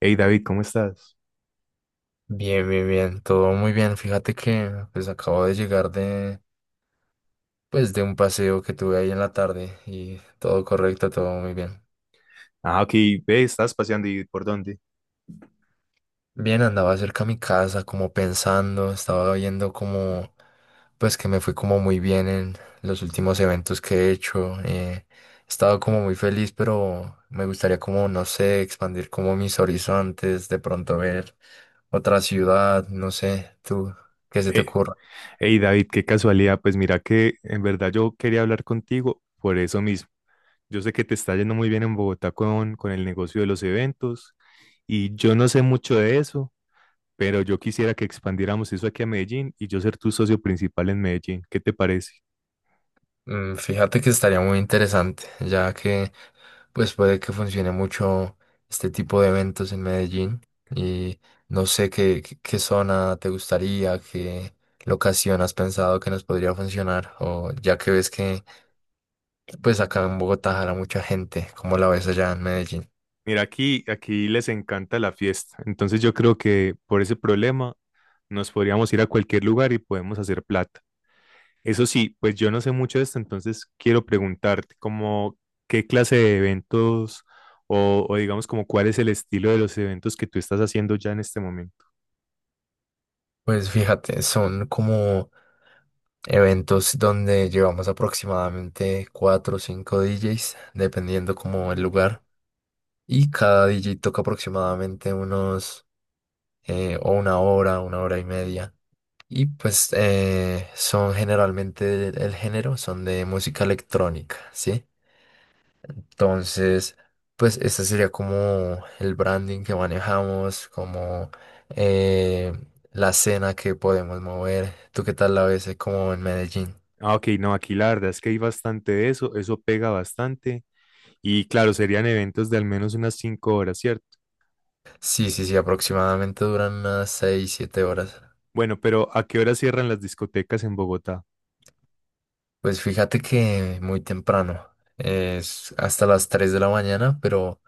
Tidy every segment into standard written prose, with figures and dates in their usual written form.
Hey David, ¿cómo estás? Bien, bien, bien, todo muy bien. Fíjate que pues acabo de llegar de un paseo que tuve ahí en la tarde y todo correcto, todo muy bien. Ah, aquí, ve, estás paseando y ¿por dónde? Bien, andaba cerca a mi casa como pensando, estaba viendo como pues que me fue como muy bien en los últimos eventos que he hecho. He estado como muy feliz, pero me gustaría como, no sé, expandir como mis horizontes, de pronto ver otra ciudad, no sé, tú, ¿qué se te Eh, ocurre? Hey, David, qué casualidad. Pues mira que en verdad yo quería hablar contigo por eso mismo. Yo sé que te está yendo muy bien en Bogotá con el negocio de los eventos y yo no sé mucho de eso, pero yo quisiera que expandiéramos eso aquí a Medellín y yo ser tu socio principal en Medellín. ¿Qué te parece? Fíjate que estaría muy interesante, ya que pues puede que funcione mucho este tipo de eventos en Medellín. Y no sé qué, qué zona te gustaría, qué locación has pensado que nos podría funcionar, o ya que ves que pues acá en Bogotá jala mucha gente, ¿como la ves allá en Medellín? Mira, aquí les encanta la fiesta. Entonces yo creo que por ese problema nos podríamos ir a cualquier lugar y podemos hacer plata. Eso sí, pues yo no sé mucho de esto, entonces quiero preguntarte como qué clase de eventos o digamos como cuál es el estilo de los eventos que tú estás haciendo ya en este momento. Pues fíjate, son como eventos donde llevamos aproximadamente cuatro o cinco DJs, dependiendo como el Ok. lugar. Y cada DJ toca aproximadamente unos, o una hora y media. Y pues son generalmente el género, son de música electrónica, ¿sí? Entonces, pues este sería como el branding que manejamos, como eh, la escena que podemos mover. ¿Tú qué tal la ves, como en Medellín? Ah, ok, no, aquí la verdad es que hay bastante de eso, eso pega bastante y claro, serían eventos de al menos unas 5 horas, ¿cierto? Sí, sí, sí, aproximadamente duran unas 6 7 horas. Bueno, pero ¿a qué hora cierran las discotecas en Bogotá? Pues fíjate que muy temprano, es hasta las 3 de la mañana, pero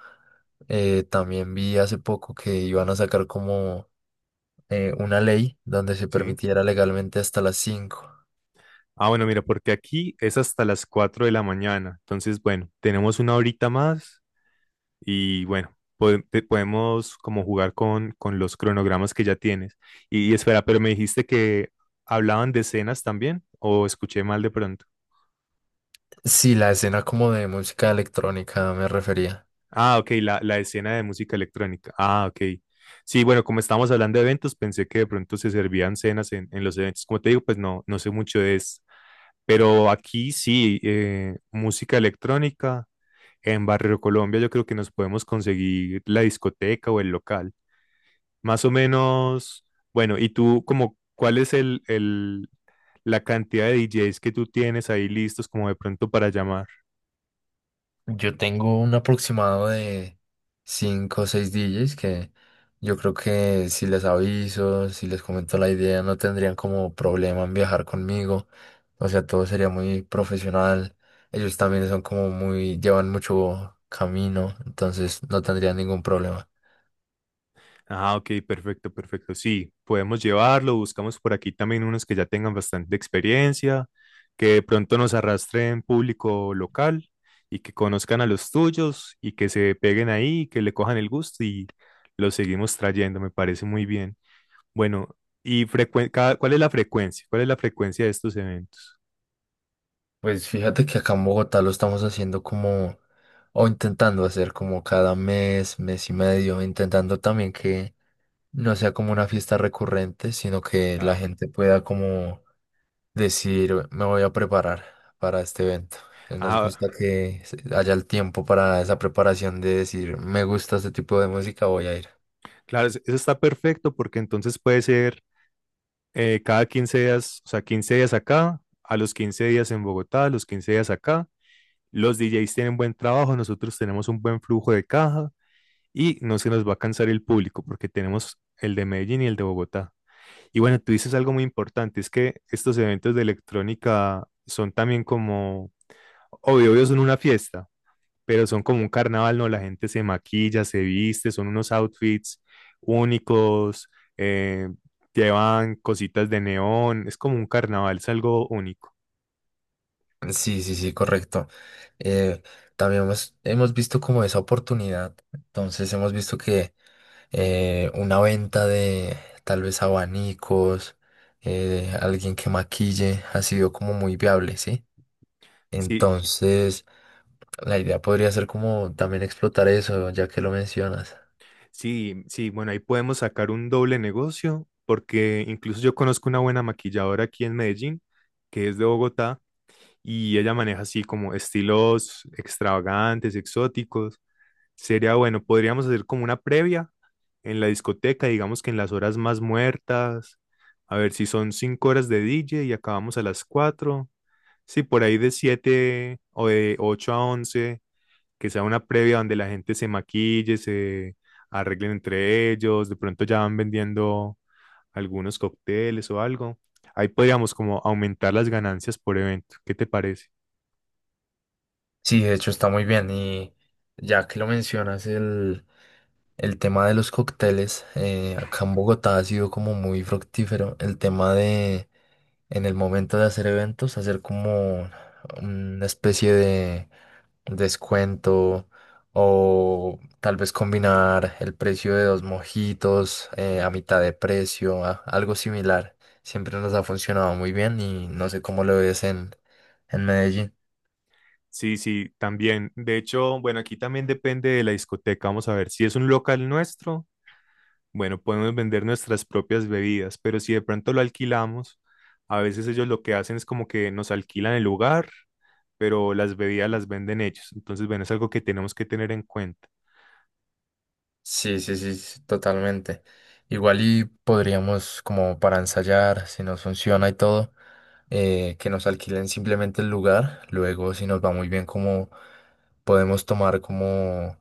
también vi hace poco que iban a sacar como una ley donde se ¿Sí? permitiera legalmente hasta las 5. Ah, bueno, mira, porque aquí es hasta las 4 de la mañana. Entonces, bueno, tenemos una horita más y bueno, podemos como jugar con los cronogramas que ya tienes. Y espera, pero me dijiste que hablaban de escenas también o escuché mal de pronto. Sí, la escena como de música electrónica me refería. Ah, ok, la escena de música electrónica. Ah, ok. Sí, bueno, como estábamos hablando de eventos, pensé que de pronto se servían cenas en los eventos. Como te digo, pues no sé mucho de eso. Pero aquí sí, música electrónica. En Barrio Colombia yo creo que nos podemos conseguir la discoteca o el local. Más o menos, bueno, ¿y tú como cuál es la cantidad de DJs que tú tienes ahí listos como de pronto para llamar? Yo tengo un aproximado de 5 o 6 DJs que yo creo que si les aviso, si les comento la idea, no tendrían como problema en viajar conmigo. O sea, todo sería muy profesional. Ellos también son como muy, llevan mucho camino, entonces no tendrían ningún problema. Ah, ok, perfecto, perfecto. Sí, podemos llevarlo, buscamos por aquí también unos que ya tengan bastante experiencia, que de pronto nos arrastren público local y que conozcan a los tuyos y que se peguen ahí, que le cojan el gusto y los seguimos trayendo, me parece muy bien. Bueno, y ¿cuál es la frecuencia? ¿Cuál es la frecuencia de estos eventos? Pues fíjate que acá en Bogotá lo estamos haciendo como, o intentando hacer como cada mes, mes y medio, intentando también que no sea como una fiesta recurrente, sino que la Claro. gente pueda como decir, me voy a preparar para este evento. Nos Ah, gusta que haya el tiempo para esa preparación de decir, me gusta este tipo de música, voy a ir. claro, eso está perfecto porque entonces puede ser cada 15 días, o sea, 15 días acá, a los 15 días en Bogotá, a los 15 días acá. Los DJs tienen buen trabajo, nosotros tenemos un buen flujo de caja y no se nos va a cansar el público porque tenemos el de Medellín y el de Bogotá. Y bueno, tú dices algo muy importante, es que estos eventos de electrónica son también como, obvio, obvio, son una fiesta pero son como un carnaval, ¿no? La gente se maquilla, se viste, son unos outfits únicos, eh, llevan cositas de neón, es como un carnaval, es algo único. Sí, sí, sí, correcto. Eh, También hemos visto como esa oportunidad. Entonces hemos visto que una venta de tal vez abanicos, alguien que maquille, ha sido como muy viable, ¿sí? Sí, Entonces, la idea podría ser como también explotar eso, ya que lo mencionas. sí, sí, bueno, ahí podemos sacar un doble negocio, porque incluso yo conozco una buena maquilladora aquí en Medellín, que es de Bogotá, y ella maneja así como estilos extravagantes, exóticos. Sería bueno, podríamos hacer como una previa en la discoteca, digamos que en las horas más muertas, a ver si son 5 horas de DJ y acabamos a las 4. Sí, por ahí de siete o de ocho a once, que sea una previa donde la gente se maquille, se arreglen entre ellos, de pronto ya van vendiendo algunos cócteles o algo. Ahí podríamos como aumentar las ganancias por evento. ¿Qué te parece? Sí, de hecho está muy bien y ya que lo mencionas, el... El tema de los cócteles, acá en Bogotá ha sido como muy fructífero. El tema de, en el momento de hacer eventos, hacer como una especie de descuento o tal vez combinar el precio de dos mojitos a mitad de precio, algo similar. Siempre nos ha funcionado muy bien y no sé cómo lo ves en, Medellín. Sí, sí, también. De hecho, bueno, aquí también depende de la discoteca. Vamos a ver si es un local nuestro. Bueno, podemos vender nuestras propias bebidas, pero si de pronto lo alquilamos, a veces ellos lo que hacen es como que nos alquilan el lugar, pero las bebidas las venden ellos. Entonces, bueno, es algo que tenemos que tener en cuenta. Sí, sí, sí, sí, totalmente. Igual y podríamos, como para ensayar, si nos funciona y todo, que nos alquilen simplemente el lugar. Luego, si nos va muy bien, como podemos tomar como,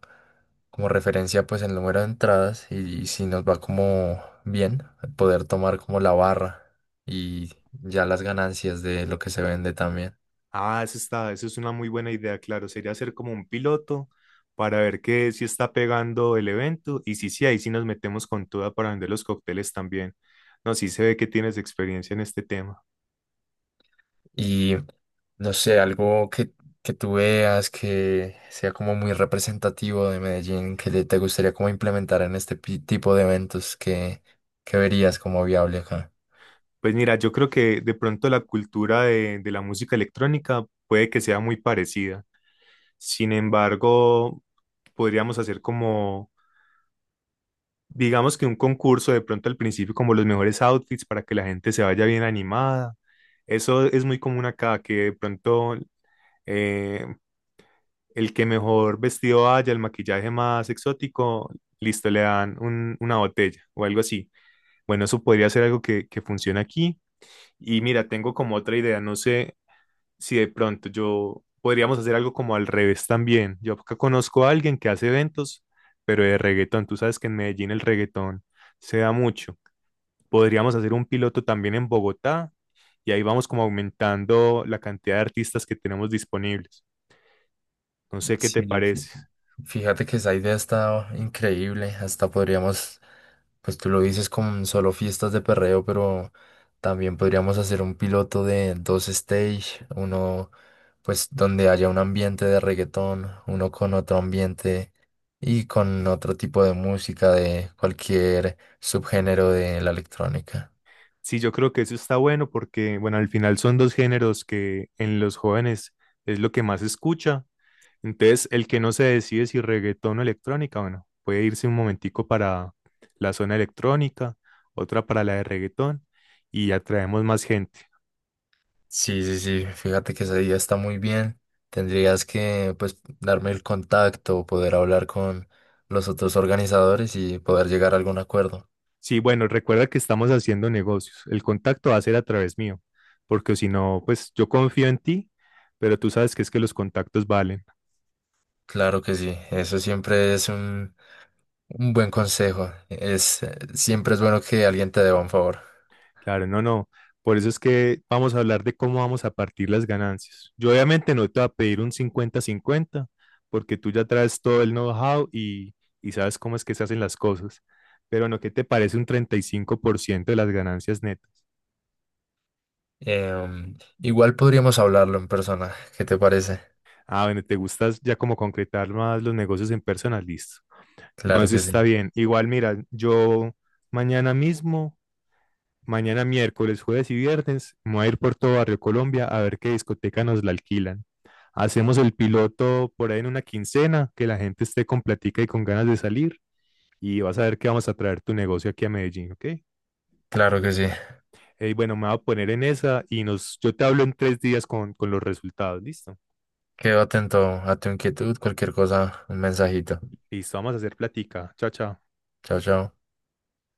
como referencia, pues el número de entradas y si nos va como bien, poder tomar como la barra y ya las ganancias de lo que se vende también. Ah, eso está, eso es una muy buena idea, claro. Sería hacer como un piloto para ver que si está pegando el evento y si sí, ahí sí nos metemos con toda para vender los cócteles también. No, sí se ve que tienes experiencia en este tema. No sé, algo que tú veas que sea como muy representativo de Medellín, que te gustaría como implementar en este tipo de eventos que verías como viable acá. Pues mira, yo creo que de pronto la cultura de la música electrónica puede que sea muy parecida. Sin embargo, podríamos hacer como, digamos que un concurso de pronto al principio, como los mejores outfits para que la gente se vaya bien animada. Eso es muy común acá, que de pronto eh, el que mejor vestido vaya, el maquillaje más exótico, listo, le dan una botella o algo así. Bueno, eso podría ser algo que funcione aquí. Y mira, tengo como otra idea, no sé, si de pronto yo podríamos hacer algo como al revés también. Yo acá conozco a alguien que hace eventos, pero de reggaetón. Tú sabes que en Medellín el reggaetón se da mucho. Podríamos hacer un piloto también en Bogotá y ahí vamos como aumentando la cantidad de artistas que tenemos disponibles. No sé qué te Sí. parece. Sí. Fíjate que esa idea está increíble. Hasta podríamos, pues tú lo dices con solo fiestas de perreo, pero también podríamos hacer un piloto de dos stage, uno pues donde haya un ambiente de reggaetón, uno con otro ambiente y con otro tipo de música de cualquier subgénero de la electrónica. Sí, yo creo que eso está bueno porque, bueno, al final son dos géneros que en los jóvenes es lo que más se escucha. Entonces, el que no se decide si reggaetón o electrónica, bueno, puede irse un momentico para la zona electrónica, otra para la de reggaetón y atraemos más gente. Sí, sí, sí, fíjate que esa idea está muy bien. Tendrías que, pues, darme el contacto, poder hablar con los otros organizadores y poder llegar a algún acuerdo. Sí, bueno, recuerda que estamos haciendo negocios. El contacto va a ser a través mío, porque si no, pues yo confío en ti, pero tú sabes que es que los contactos valen. Claro que sí, eso siempre es un buen consejo. Es, siempre es bueno que alguien te deba un favor. Claro, no, no. Por eso es que vamos a hablar de cómo vamos a partir las ganancias. Yo obviamente no te voy a pedir un cincuenta-cincuenta, porque tú ya traes todo el know-how y sabes cómo es que se hacen las cosas. Pero no, ¿qué te parece un 35% de las ganancias netas? Igual podríamos hablarlo en persona, ¿qué te parece? Ah, bueno, te gustas ya como concretar más los negocios en persona, listo. No, Claro eso que sí, está bien. Igual, mira, yo mañana mismo, mañana miércoles, jueves y viernes, me voy a ir por todo Barrio Colombia a ver qué discoteca nos la alquilan. Hacemos el piloto por ahí en una quincena, que la gente esté con platica y con ganas de salir y vas a ver que vamos a traer tu negocio aquí a Medellín, ¿ok? claro que sí. Bueno, me voy a poner en esa y nos, yo te hablo en 3 días con los resultados, ¿listo? Quedo atento a tu inquietud, cualquier cosa, un mensajito. Listo, vamos a hacer platica. Chao, chao. Chao, chao.